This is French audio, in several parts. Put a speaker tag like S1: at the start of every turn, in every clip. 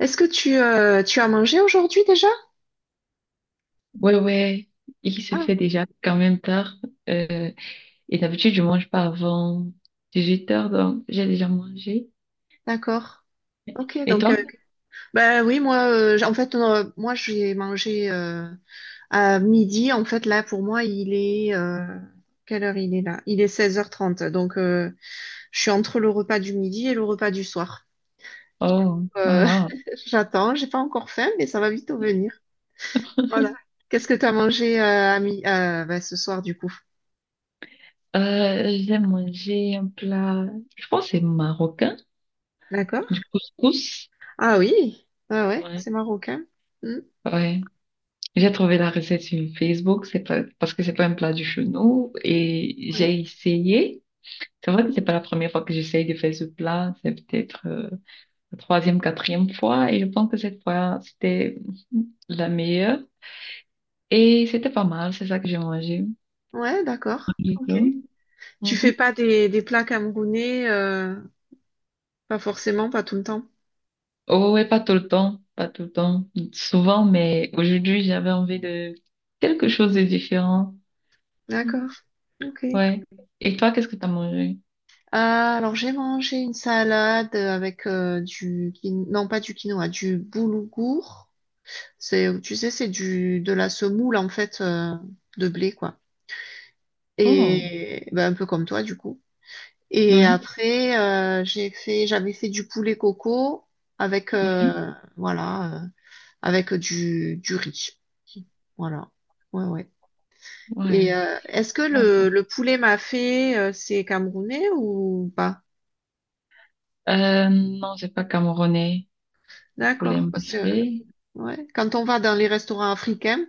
S1: Est-ce que tu as mangé aujourd'hui déjà?
S2: Ouais, ouais, il se
S1: Ah,
S2: fait déjà quand même tard. Euh, et d'habitude, je mange pas avant 18 heures, donc j'ai déjà mangé.
S1: d'accord. Ok,
S2: Et
S1: donc
S2: toi?
S1: bah oui, moi en fait moi j'ai mangé à midi. En fait là pour moi il est quelle heure il est là? Il est 16h30. Donc je suis entre le repas du midi et le repas du soir.
S2: Oh,
S1: Euh,
S2: voilà.
S1: J'attends, j'ai pas encore faim, mais ça va vite venir. Voilà. Qu'est-ce que tu as mangé bah, ce soir du coup?
S2: J'ai mangé un plat, je pense que c'est marocain,
S1: D'accord?
S2: du couscous.
S1: Ah oui, ah ouais,
S2: Ouais.
S1: c'est marocain. Hmm,
S2: Ouais. J'ai trouvé la recette sur Facebook, c'est pas, parce que c'est pas un plat du chez nous, et
S1: ouais.
S2: j'ai essayé. C'est vrai que c'est
S1: Mmh.
S2: pas la première fois que j'essaye de faire ce plat, c'est peut-être la troisième, quatrième fois, et je pense que cette fois, c'était la meilleure. Et c'était pas mal, c'est ça que j'ai mangé.
S1: Ouais, d'accord.
S2: Du
S1: Ok.
S2: tout.
S1: Tu fais
S2: Mhm.
S1: pas des plats camerounais, pas forcément, pas tout le temps.
S2: Oh, ouais, pas tout le temps, pas tout le temps, souvent, mais aujourd'hui, j'avais envie de quelque chose de différent.
S1: D'accord. Ok.
S2: Ouais. Et toi, qu'est-ce que t'as mangé?
S1: Alors j'ai mangé une salade avec non pas du quinoa, du boulgour. C'est, tu sais, c'est du de la semoule en fait de blé quoi.
S2: Oh,
S1: Et ben, un peu comme toi du coup. Et
S2: ouais,
S1: après j'avais fait du poulet coco avec
S2: ouais,
S1: voilà avec du riz. Voilà. Ouais, ouais. Et
S2: ouais.
S1: est-ce que le,
S2: Bon.
S1: le poulet mafé, c'est camerounais ou pas?
S2: Non, c'est pas camerounais, le poulet
S1: D'accord. Parce que
S2: mâché.
S1: ouais, quand on va dans les restaurants africains,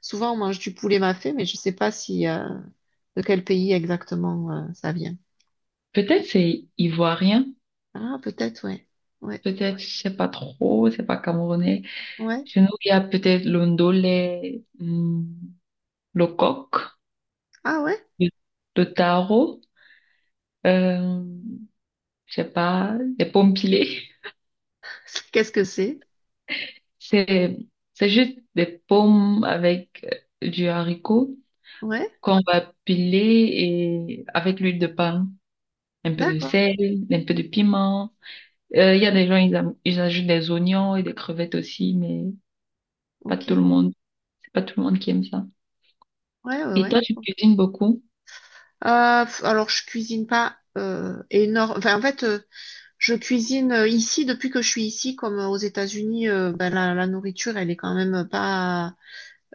S1: souvent on mange du poulet mafé, mais je sais pas si de quel pays exactement ça vient.
S2: Peut-être c'est ivoirien,
S1: Ah, peut-être, ouais. Ouais.
S2: peut-être, je sais pas trop, c'est pas camerounais.
S1: Ouais.
S2: Chez nous, il y a peut-être l'ondolé, le coq,
S1: Ah ouais?
S2: le, le taro, euh, je sais pas, les pommes pilées.
S1: Qu'est-ce que c'est?
S2: C'est, c'est juste des pommes avec du haricot
S1: Ouais.
S2: qu'on va piler et avec l'huile de palme, un peu de
S1: D'accord.
S2: sel, un peu de piment. Il y a des gens, ils ajoutent des oignons et des crevettes aussi, mais pas
S1: Ok.
S2: tout le monde, c'est pas tout le monde qui aime ça.
S1: Ouais, ouais,
S2: Et
S1: ouais.
S2: toi, tu
S1: Ok.
S2: cuisines beaucoup?
S1: Alors, je cuisine pas énorme. Enfin, en fait, je cuisine ici depuis que je suis ici, comme aux États-Unis, ben, la nourriture, elle est quand même pas,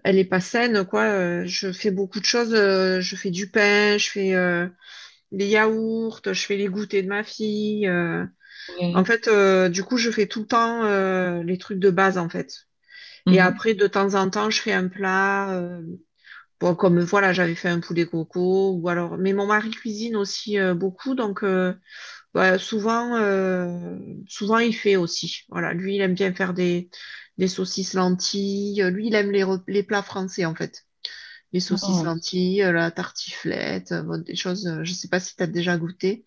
S1: elle est pas saine, quoi. Je fais beaucoup de choses. Je fais du pain, je fais les yaourts, je fais les goûters de ma fille. En
S2: Oui.
S1: fait, du coup, je fais tout le temps les trucs de base, en fait. Et
S2: Mhm.
S1: après, de temps en temps, je fais un plat. Bon, comme voilà, j'avais fait un poulet coco, ou alors. Mais mon mari cuisine aussi beaucoup, donc. Ouais, souvent il fait aussi. Voilà, lui, il aime bien faire des saucisses lentilles. Lui, il aime les plats français, en fait. Les saucisses
S2: Oh.
S1: lentilles, la tartiflette, bon, des choses. Je sais pas si t'as déjà goûté.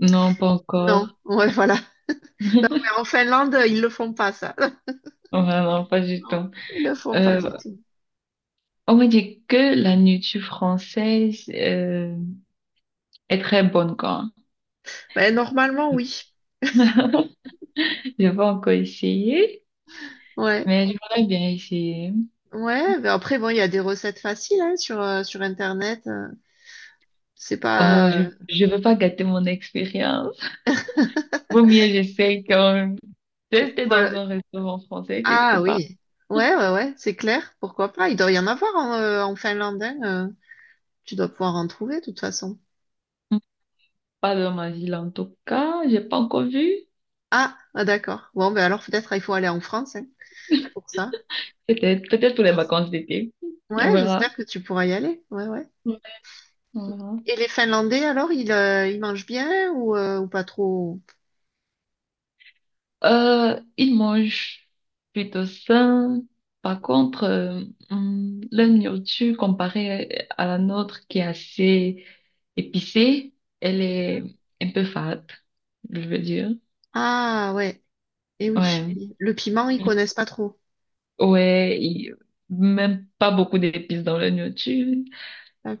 S2: Non, pas
S1: Non,
S2: encore.
S1: ouais, voilà. Ouais, en Finlande, ils le font pas, ça.
S2: Vraiment, pas du
S1: Non,
S2: tout.
S1: ils le font pas du
S2: Euh,
S1: tout.
S2: on m'a dit que la nourriture française est très bonne, quoi.
S1: Mais normalement, oui.
S2: J'ai pas encore essayé,
S1: Ouais.
S2: mais j'aimerais bien essayer.
S1: Ouais, mais après, bon, il y a des recettes faciles hein, sur Internet. C'est
S2: Oh,
S1: pas.
S2: je, je veux pas gâter mon expérience. Vaut mieux, j'essaie quand même. J'étais
S1: Sur
S2: dans
S1: le-
S2: un restaurant français quelque
S1: Ah
S2: part.
S1: oui, ouais, ouais, ouais, c'est clair, pourquoi pas, il doit y en avoir en Finlande, hein, tu dois pouvoir en trouver de toute façon.
S2: Pas dans ma ville, en tout cas. J'ai pas encore vu.
S1: Ah, ah, d'accord, bon, ben alors peut-être il faut aller en France hein, pour ça.
S2: Peut-être, peut-être pour les vacances d'été. On
S1: Ouais,
S2: verra.
S1: j'espère que tu pourras y aller, ouais, ouais.
S2: On verra.
S1: Et les Finlandais, alors, ils mangent bien ou pas trop?
S2: Ils mangent plutôt sain. Par contre, leur nourriture comparée à la nôtre qui est assez épicée, elle est un peu fade, je veux dire.
S1: Ah ouais, et oui,
S2: Ouais.
S1: le piment, ils
S2: Mm.
S1: connaissent pas trop,
S2: Ouais, ils- Même pas beaucoup d'épices dans leur nourriture.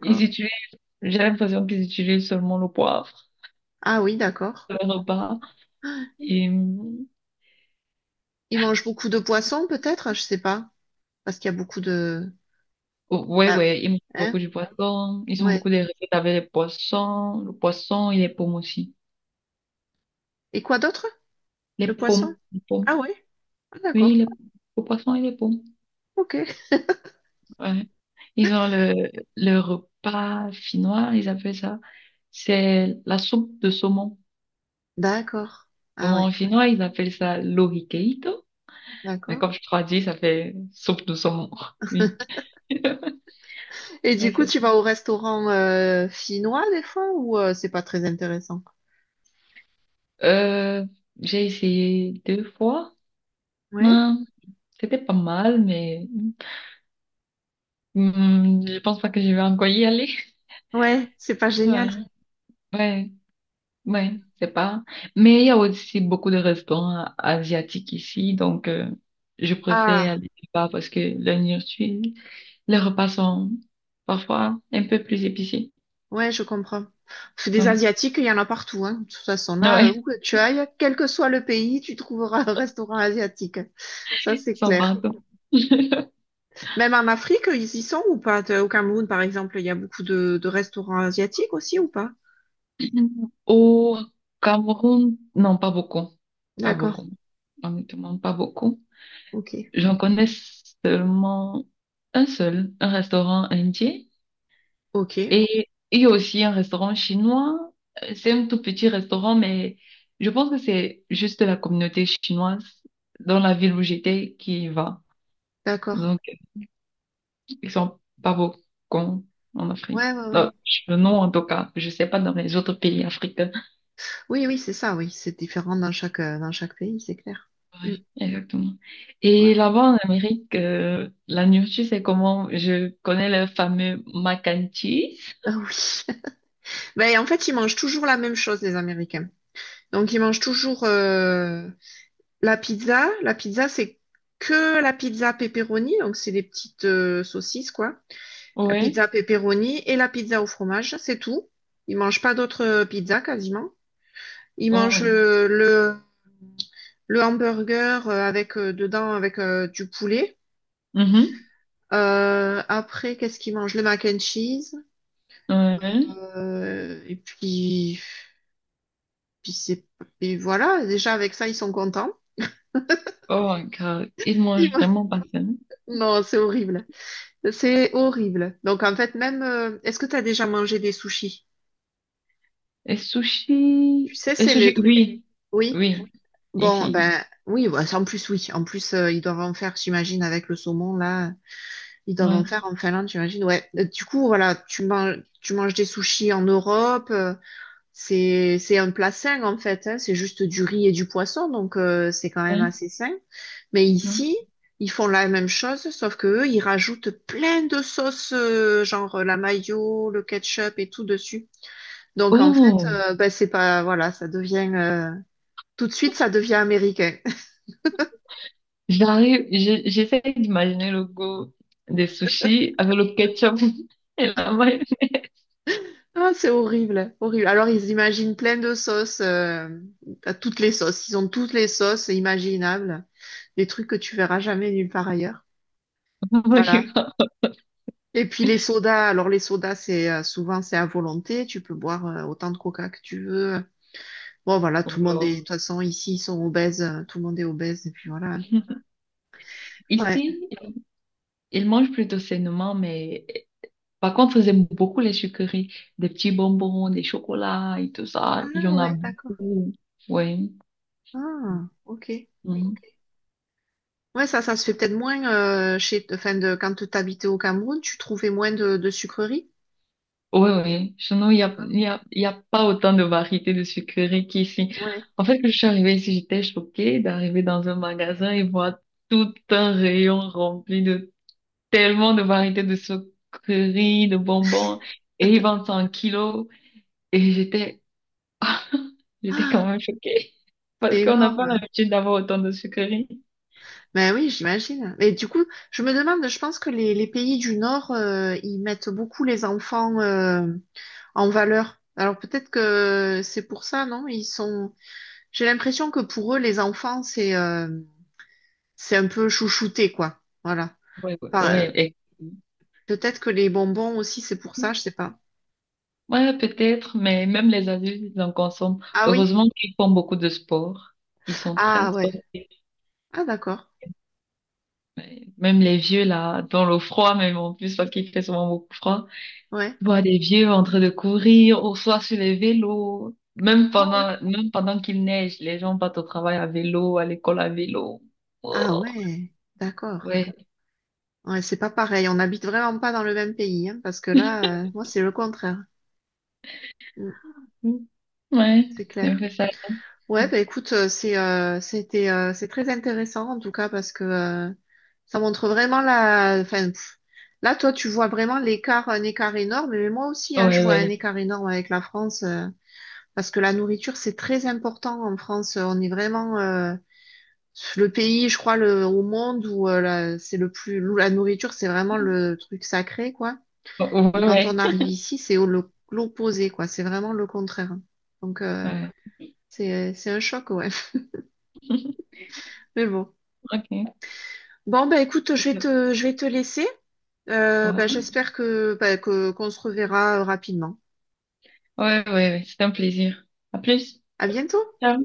S2: Ils utilisent, j'ai l'impression qu'ils utilisent seulement le poivre
S1: Ah oui, d'accord.
S2: dans leur repas. Et,
S1: Ils mangent beaucoup de poissons peut-être. Ah, je sais pas, parce qu'il y a beaucoup de.
S2: ouais,
S1: Ah,
S2: ouais, ils mangent beaucoup
S1: hein,
S2: du poisson. Ils ont
S1: ouais.
S2: beaucoup de recettes avec les poissons. Le poisson, il est pauvre aussi.
S1: Et quoi d'autre?
S2: Les
S1: Le poisson?
S2: pommes, les pommes.
S1: Ah ouais. Ah,
S2: Oui,
S1: d'accord.
S2: les, le poisson et les pommes.
S1: Ok.
S2: Ouais. Ils ont le repas finnois, ils appellent ça. C'est la soupe de saumon.
S1: D'accord.
S2: Bon,
S1: Ah
S2: en
S1: ouais.
S2: finnois, ils appellent ça lohikeito. Mais
S1: D'accord.
S2: comme je traduis, ça fait soupe de saumon. Oui.
S1: Et du
S2: Ouais,
S1: coup,
S2: c'est
S1: tu
S2: ça.
S1: vas au restaurant finnois des fois ou c'est pas très intéressant?
S2: Euh, j'ai essayé deux fois.
S1: Ouais.
S2: Hum, c'était pas mal, mais je pense pas que je vais encore y aller.
S1: Ouais, c'est pas
S2: Ouais.
S1: génial.
S2: Ouais. Oui, c'est pas. Mais il y a aussi beaucoup de restaurants asiatiques ici, donc je préfère
S1: Ah,
S2: aller là-bas parce que la nourriture, les repas sont parfois un peu plus épicés.
S1: ouais, je comprends. Parce que des
S2: Oui,
S1: Asiatiques, il y en a partout, hein. De toute façon, là,
S2: oui,
S1: où que tu ailles, quel que soit le pays, tu trouveras un restaurant asiatique. Ça, c'est
S2: sans
S1: clair.
S2: pardon.
S1: Même en Afrique, ils y sont ou pas? Au Cameroun, par exemple, il y a beaucoup de restaurants asiatiques aussi ou pas?
S2: Au Cameroun, non, pas beaucoup. Pas
S1: D'accord.
S2: beaucoup. Honnêtement, pas beaucoup.
S1: Ok.
S2: J'en connais seulement un seul, un restaurant indien.
S1: Ok.
S2: Et il y a aussi un restaurant chinois. C'est un tout petit restaurant, mais je pense que c'est juste la communauté chinoise dans la ville où j'étais qui y va.
S1: D'accord.
S2: Donc, ils sont pas beaucoup en Afrique.
S1: Ouais, ouais, ouais.
S2: Non, en tout cas, je sais pas dans les autres pays africains.
S1: Oui, oui, c'est ça, oui. C'est différent dans chaque pays, c'est clair. Mm.
S2: Oui, exactement.
S1: Ouais,
S2: Et
S1: ouais.
S2: là-bas en Amérique, la nourriture, c'est comment? Je connais le fameux mac and cheese.
S1: Ah oui. Ben, en fait, ils mangent toujours la même chose, les Américains. Donc, ils mangent toujours la pizza. La pizza, c'est que la pizza pepperoni. Donc, c'est des petites saucisses, quoi. La
S2: Ouais.
S1: pizza pepperoni et la pizza au fromage, c'est tout. Ils mangent pas d'autres pizzas, quasiment. Ils
S2: Oh,
S1: mangent
S2: oui.
S1: le hamburger avec dedans avec du poulet.
S2: Mhm.
S1: Après, qu'est-ce qu'ils mangent? Le mac and cheese.
S2: Ouais.
S1: Et puis c'est, et voilà, déjà avec ça, ils sont contents.
S2: Oh my God. Ils
S1: Ils
S2: mangent
S1: vont-
S2: vraiment pas ça.
S1: Non, c'est horrible. C'est horrible. Donc en fait, même, est-ce que tu as déjà mangé des sushis?
S2: Et
S1: Tu
S2: sushi.
S1: sais,
S2: Et
S1: c'est le
S2: sushi,
S1: truc.
S2: oui.
S1: Oui.
S2: Oui. Oui.
S1: Bon, ben
S2: Ici.
S1: oui, bah, en plus, oui. En plus, ils doivent en faire, j'imagine, avec le saumon, là, ils doivent en
S2: Ouais.
S1: faire en Finlande, j'imagine. Ouais. Du coup, voilà, tu manges des sushis en Europe. C'est un plat sain en fait, hein. C'est juste du riz et du poisson, donc c'est quand même
S2: Ouais.
S1: assez sain. Mais
S2: Ouais.
S1: ici, ils font la même chose, sauf que eux, ils rajoutent plein de sauces, genre la mayo, le ketchup et tout dessus. Donc en fait,
S2: Oh,
S1: bah, c'est pas, voilà, ça devient tout de suite, ça devient américain.
S2: J'essaie d'imaginer le goût des sushis avec le ketchup et la mayo-
S1: Ah, c'est horrible, horrible. Alors ils imaginent plein de sauces, à toutes les sauces. Ils ont toutes les sauces imaginables, des trucs que tu verras jamais nulle part ailleurs. Voilà. Et puis les sodas, alors les sodas, c'est souvent c'est à volonté, tu peux boire autant de coca que tu veux. Bon voilà, tout
S2: Oh
S1: le
S2: là.
S1: monde est, de toute façon ici ils sont obèses, tout le monde est obèse et puis voilà. Ouais.
S2: Ici, ils mangent plutôt sainement, mais par contre, ils aiment beaucoup les sucreries, des petits bonbons, des chocolats et tout ça. Il y
S1: Ah
S2: en a
S1: ouais, d'accord.
S2: beaucoup. Oui.
S1: Ah, ok. Ok. Ouais, ça se fait peut-être moins chez, enfin de quand t'habitais au Cameroun, tu trouvais moins de sucreries.
S2: Oui, oui. Sinon, il n'y a,
S1: D'accord.
S2: il y a, il y a pas autant de variétés de sucreries qu'ici.
S1: Ouais.
S2: En fait, quand je suis arrivée ici, j'étais choquée d'arriver dans un magasin et voir tout un rayon rempli de tellement de variétés de sucreries, de bonbons. Et ils vendent ça en kilos. Et j'étais, j'étais quand même choquée. Parce
S1: C'est
S2: qu'on n'a pas
S1: énorme.
S2: l'habitude d'avoir autant de sucreries.
S1: Ben oui, j'imagine. Mais du coup, je me demande, je pense que les pays du Nord, ils mettent beaucoup les enfants. En valeur. Alors peut-être que c'est pour ça, non? Ils sont. J'ai l'impression que pour eux, les enfants, c'est un peu chouchouté, quoi. Voilà.
S2: Oui, oui,
S1: Par-
S2: oui.
S1: euh,
S2: et-
S1: Peut-être que les bonbons aussi, c'est pour ça, je sais pas.
S2: Ouais, peut-être, mais même les adultes, ils en consomment.
S1: Ah oui?
S2: Heureusement qu'ils font beaucoup de sport. Ils sont très
S1: Ah ouais.
S2: sportifs.
S1: Ah d'accord.
S2: Même les vieux, là, dans le froid, même en plus, parce qu'il fait souvent beaucoup froid.
S1: Ouais.
S2: Je vois des vieux en train de courir, ou soit sur les vélos.
S1: Ah ouais.
S2: Même pendant qu'il neige, les gens partent au travail à vélo, à l'école à vélo.
S1: Ah
S2: Oh,
S1: ouais. D'accord.
S2: ouais.
S1: Ouais, c'est pas pareil. On n'habite vraiment pas dans le même pays, hein, parce que là, moi, c'est le contraire. Mm,
S2: Ouais,
S1: c'est
S2: c'est un
S1: clair.
S2: peu ça.
S1: Ouais, bah écoute, c'est très intéressant en tout cas parce que ça montre vraiment la. Enfin, pff, là, toi, tu vois vraiment l'écart, un écart énorme. Mais moi aussi, hein, je
S2: Ouais,
S1: vois un
S2: ouais.
S1: écart énorme avec la France parce que la nourriture, c'est très important en France. On est vraiment le pays, je crois, au monde où c'est le plus où la nourriture, c'est vraiment le truc sacré, quoi. Et
S2: Ouais,
S1: quand
S2: ouais.
S1: on arrive ici, c'est l'opposé, quoi. C'est vraiment le contraire. Donc
S2: Ouais.
S1: c'est un choc, ouais. Mais bon.
S2: Ok.
S1: Bon, bah écoute, je vais te laisser. Bah,
S2: Voilà.
S1: j'espère bah, qu'on se reverra rapidement.
S2: Ouais, ouais, ouais. C'est un plaisir. À plus.
S1: À bientôt.
S2: Ciao.